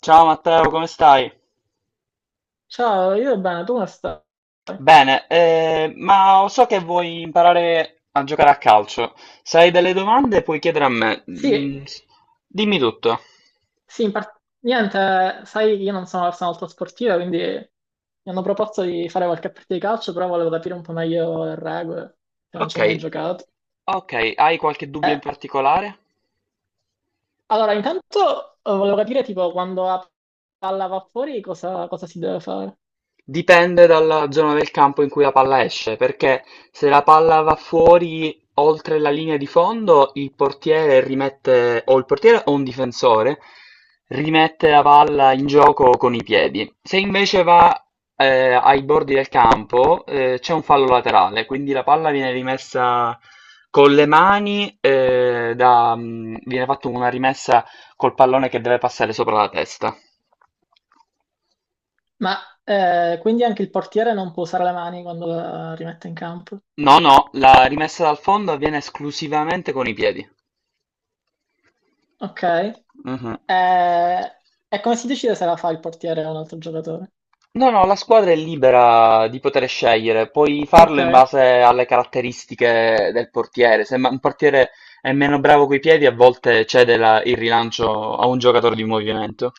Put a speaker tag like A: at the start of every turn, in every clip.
A: Ciao Matteo, come stai?
B: Ciao, io bene, tu come stai?
A: Bene, ma so che vuoi imparare a giocare a calcio. Se hai delle domande puoi chiedere a me.
B: Sì,
A: Dimmi tutto.
B: sì, in par- niente, sai, io non sono una persona molto sportiva, quindi mi hanno proposto di fare qualche partita di calcio, però volevo capire un po' meglio le regole, che non
A: Ok,
B: ci ho mai giocato.
A: ok, hai qualche dubbio in
B: Eh,
A: particolare?
B: allora, intanto volevo capire, tipo, quando la palla va fuori, cosa, cosa si deve fare?
A: Dipende dalla zona del campo in cui la palla esce, perché se la palla va fuori oltre la linea di fondo, il portiere rimette, o il portiere o un difensore, rimette la palla in gioco con i piedi. Se invece va ai bordi del campo, c'è un fallo laterale, quindi la palla viene rimessa con le mani, viene fatta una rimessa col pallone che deve passare sopra la testa.
B: Ma quindi anche il portiere non può usare le mani quando la rimette in campo?
A: No, no, la rimessa dal fondo avviene esclusivamente con i piedi.
B: Ok.
A: Mhm.
B: Eh, E come si decide se la fa il portiere o un altro giocatore?
A: No, no, la squadra è libera di poter scegliere, puoi
B: Ok.
A: farlo in base alle caratteristiche del portiere. Se un portiere è meno bravo coi piedi, a volte cede il rilancio a un giocatore di movimento.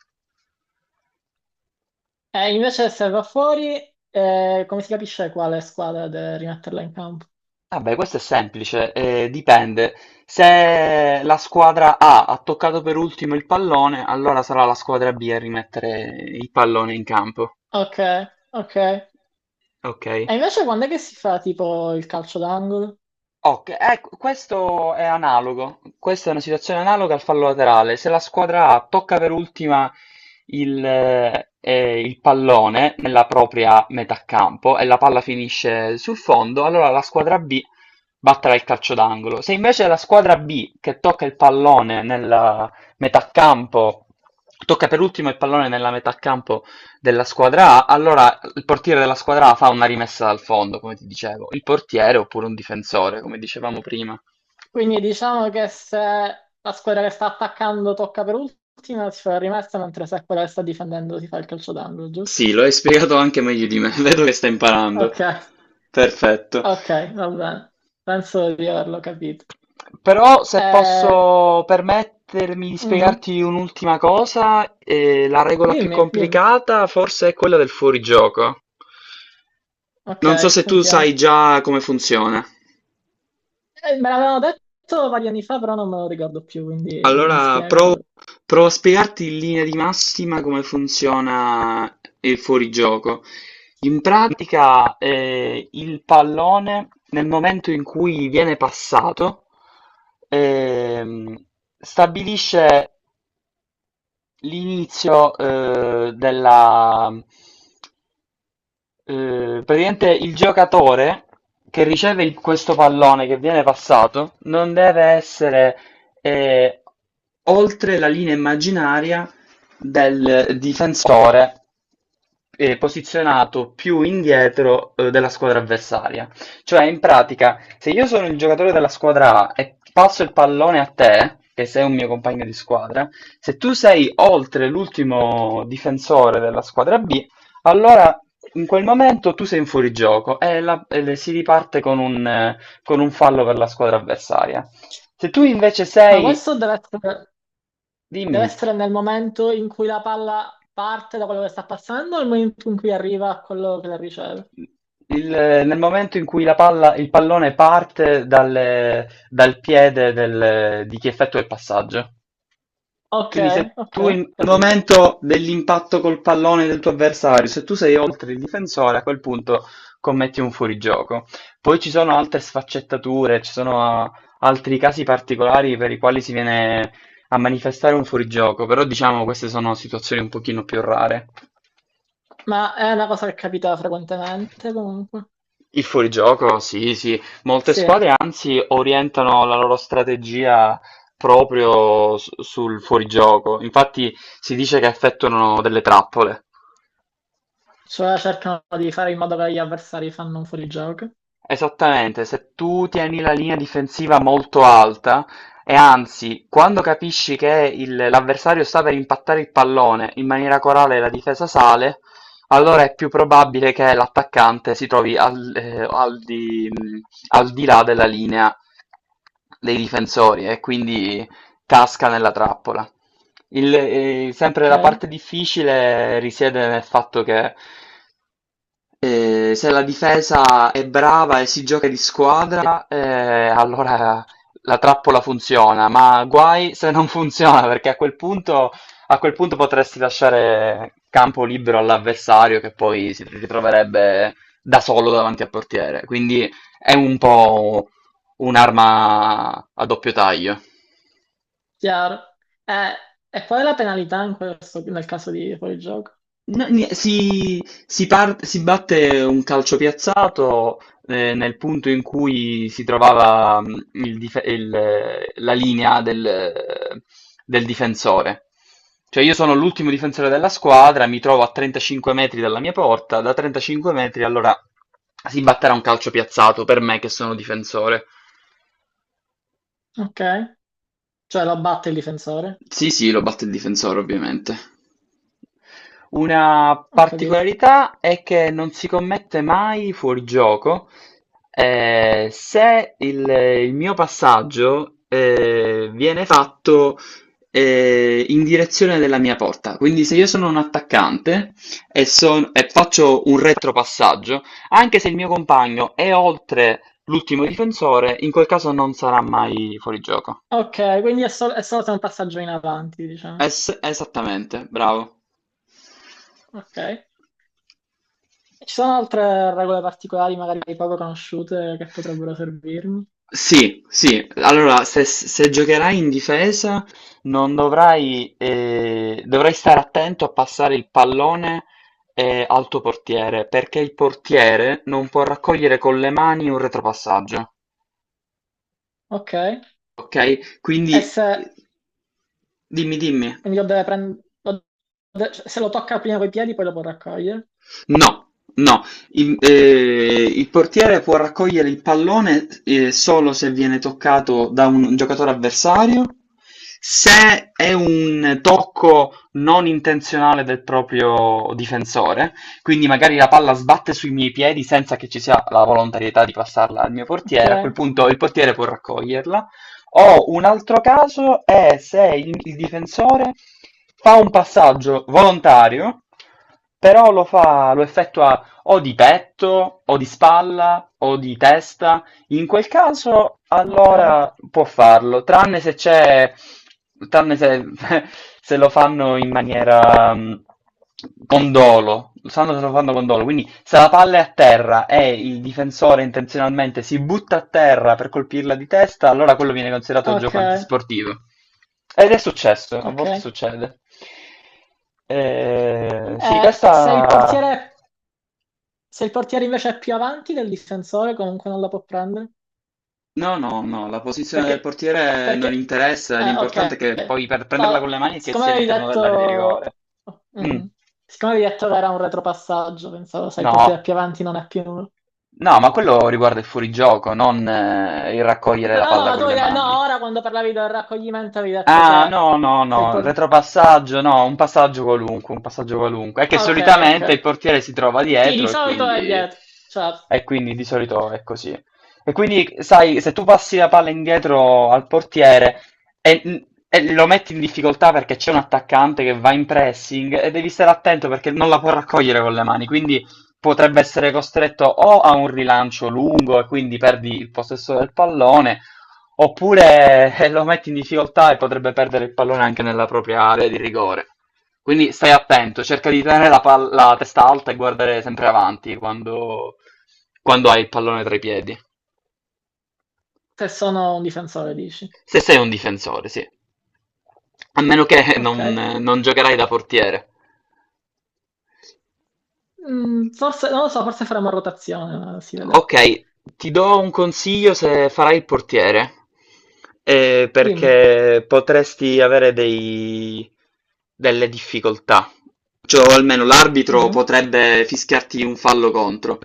B: E invece se va fuori, come si capisce quale squadra deve rimetterla in campo?
A: Vabbè, questo è semplice, dipende. Se la squadra A ha toccato per ultimo il pallone, allora sarà la squadra B a rimettere il pallone in campo.
B: Ok, ok. E
A: Ok?
B: invece quando è che si fa tipo il calcio d'angolo?
A: Ok, ecco, questo è analogo, questa è una situazione analoga al fallo laterale. Se la squadra A tocca per ultima il, eh, il pallone nella propria metà campo e la palla finisce sul fondo, allora la squadra B batterà il calcio d'angolo. Se invece la squadra B che tocca il pallone nella metà campo, tocca per ultimo il pallone nella metà campo della squadra A, allora il portiere della squadra A fa una rimessa dal fondo, come ti dicevo, il portiere oppure un difensore, come dicevamo prima.
B: Quindi diciamo che se la squadra che sta attaccando tocca per ultima, si fa la rimessa, mentre se quella che sta difendendo si fa il calcio d'angolo, giusto?
A: Sì, lo hai spiegato anche meglio di me, vedo che stai imparando.
B: Ok,
A: Perfetto.
B: ok, va bene. Penso di averlo capito.
A: Però se
B: Eh,
A: posso permettermi di
B: mhm.
A: spiegarti un'ultima cosa, la regola più
B: Dimmi, dimmi.
A: complicata forse è quella del fuorigioco.
B: Ok,
A: Non so se tu
B: sentiamo.
A: sai già come funziona.
B: Me l'avevano detto vari anni fa, però non me lo ricordo più, quindi mi
A: Allora provo,
B: spiego.
A: provo a spiegarti in linea di massima come funziona il fuorigioco. In pratica, il pallone nel momento in cui viene passato, ehm, stabilisce l'inizio, praticamente il giocatore che riceve questo pallone che viene passato non deve essere eh, oltre la linea immaginaria del difensore posizionato più indietro della squadra avversaria. Cioè, in pratica, se io sono il giocatore della squadra A e passo il pallone a te, che sei un mio compagno di squadra, se tu sei oltre l'ultimo difensore della squadra B, allora, in quel momento tu sei in fuorigioco e, si riparte con un fallo per la squadra avversaria. Se tu invece
B: Ma
A: sei,
B: questo deve
A: dimmi,
B: essere nel momento in cui la palla parte da quello che sta passando o nel momento in cui arriva a quello che la riceve?
A: nel momento in cui il pallone parte dal piede di chi effettua il passaggio,
B: Ok,
A: Quindi se
B: ok,
A: tu al
B: capito.
A: momento dell'impatto col pallone del tuo avversario, se tu sei oltre il difensore, a quel punto commetti un fuorigioco. Poi ci sono altre sfaccettature, ci sono altri casi particolari per i quali si viene a manifestare un fuorigioco, però diciamo queste sono situazioni un pochino più rare.
B: Ma è una cosa che capita frequentemente comunque.
A: Il fuorigioco, sì, sì. Molte
B: Sì,
A: squadre anzi orientano la loro strategia proprio sul fuorigioco. Infatti si dice che effettuano delle trappole.
B: cioè cercano di fare in modo che gli avversari fanno un fuorigioco.
A: Esattamente, se tu tieni la linea difensiva molto alta e anzi, quando capisci che l'avversario sta per impattare il pallone, in maniera corale e la difesa sale, allora è più probabile che l'attaccante si trovi al di là della linea dei difensori e quindi casca nella trappola. Sempre
B: Ok,
A: la parte difficile risiede nel fatto che se la difesa è brava e si gioca di squadra, allora la trappola funziona, ma guai se non funziona, perché a quel punto potresti lasciare campo libero all'avversario che poi si ritroverebbe da solo davanti al portiere. Quindi è un po' un'arma a doppio taglio.
B: chiaro. Eh, e qual è la penalità in questo, nel caso di fuorigioco?
A: No, si batte un calcio piazzato nel punto in cui si trovava la linea del difensore. Cioè io sono l'ultimo difensore della squadra, mi trovo a 35 metri dalla mia porta, da 35 metri allora si batterà un calcio piazzato per me che sono difensore.
B: Ok. Cioè lo batte il difensore?
A: Sì, sì, lo batte il difensore, ovviamente. Una
B: Ho capito.
A: particolarità è che non si commette mai fuorigioco. Se il mio passaggio viene fatto in direzione della mia porta, quindi se io sono un attaccante e faccio un retropassaggio, anche se il mio compagno è oltre l'ultimo difensore, in quel caso non sarà mai fuorigioco.
B: Ok, quindi è, sol- è solo se è un passaggio in avanti, diciamo.
A: Esattamente, bravo.
B: Ok. E ci sono altre regole particolari, magari poco conosciute, che potrebbero servirmi?
A: Sì, sì, allora se giocherai in difesa non dovrai stare attento a passare il pallone al tuo portiere, perché il portiere non può raccogliere con le mani un retropassaggio,
B: Ok.
A: ok?
B: E
A: Quindi
B: se
A: dimmi, dimmi.
B: quindi lo deve prendere... Se lo tocca prima coi piedi, poi lo può raccogliere.
A: No, no, il portiere può raccogliere il pallone solo se viene toccato da un giocatore avversario, se è un tocco non intenzionale del proprio difensore, quindi magari la palla sbatte sui miei piedi senza che ci sia la volontarietà di passarla al mio
B: Ok,
A: portiere, a quel punto il portiere può raccoglierla. O un altro caso è se il difensore fa un passaggio volontario, però lo effettua o di petto, o di spalla, o di testa, in quel caso,
B: ok,
A: allora può farlo, tranne se c'è, tranne se, se lo fanno in maniera con dolo, sanno se lo fanno con dolo, quindi se la palla è a terra e il difensore intenzionalmente si butta a terra per colpirla di testa, allora quello viene considerato
B: ok,
A: gioco antisportivo. Ed è successo, a
B: ok.
A: volte succede. Sì,
B: Eh, se il
A: questa.
B: portiere... Se il portiere invece è più avanti del difensore, comunque non la può prendere.
A: No, no, no, la posizione del
B: Perché...
A: portiere non
B: Perché...
A: interessa, l'importante
B: ok.
A: è che poi per prenderla con le
B: No,
A: mani è che
B: siccome
A: sia
B: avevi
A: all'interno dell'area di
B: detto...
A: rigore. Mm,
B: Mhm. Siccome avevi detto che era un retropassaggio, pensavo, sai, il portiere
A: no,
B: più avanti non è più... No,
A: no, ma quello riguarda il fuorigioco, non il raccogliere
B: no,
A: la palla
B: ma tu
A: con le
B: hai detto...
A: mani.
B: No, ora quando parlavi del raccoglimento avevi detto che...
A: Ah, no, no,
B: sei il
A: no,
B: por-
A: retropassaggio, no, un passaggio qualunque, un passaggio qualunque. È che
B: Ok,
A: solitamente il
B: ok.
A: portiere si trova
B: Sì, di
A: dietro e
B: solito è
A: quindi,
B: dietro. Certo.
A: e quindi di solito è così. E quindi, sai, se tu passi la palla indietro al portiere e lo metti in difficoltà perché c'è un attaccante che va in pressing e devi stare attento perché non la può raccogliere con le mani, quindi potrebbe essere costretto o a un rilancio lungo e quindi perdi il possesso del pallone . Oppure lo metti in difficoltà e potrebbe perdere il pallone anche nella propria area di rigore. Quindi stai attento, cerca di tenere la testa alta e guardare sempre avanti quando hai il pallone tra i piedi.
B: Se sono un difensore, dici.
A: Se sei un difensore, sì. A meno che
B: Ok.
A: non giocherai da portiere.
B: Mm, forse, non lo so, forse faremo rotazione, ma si vedrà.
A: Ok, ti do un consiglio se farai il portiere,
B: Dimmi.
A: perché potresti avere delle difficoltà, cioè o almeno l'arbitro
B: Mhm.
A: potrebbe fischiarti un fallo contro.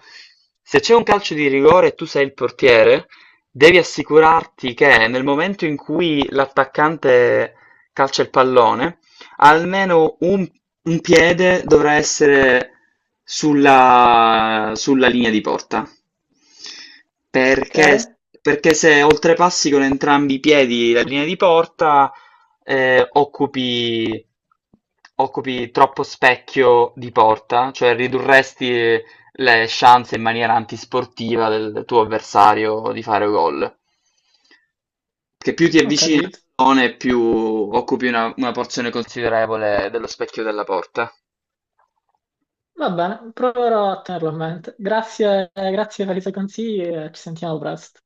A: Se c'è un calcio di rigore e tu sei il portiere, devi assicurarti che nel momento in cui l'attaccante calcia il pallone, almeno un piede dovrà essere sulla linea di porta.
B: Ok,
A: Perché, perché se oltrepassi con entrambi i piedi la linea di porta, eh, occupi, occupi troppo specchio di porta, cioè ridurresti le chance in maniera antisportiva del tuo avversario di fare gol. Che più ti
B: ho
A: avvicini al
B: capito.
A: pallone, più occupi una porzione considerevole dello specchio della porta.
B: Va bene, proverò a tenerlo a mente. Grazie, grazie per i tuoi consigli e ci sentiamo presto.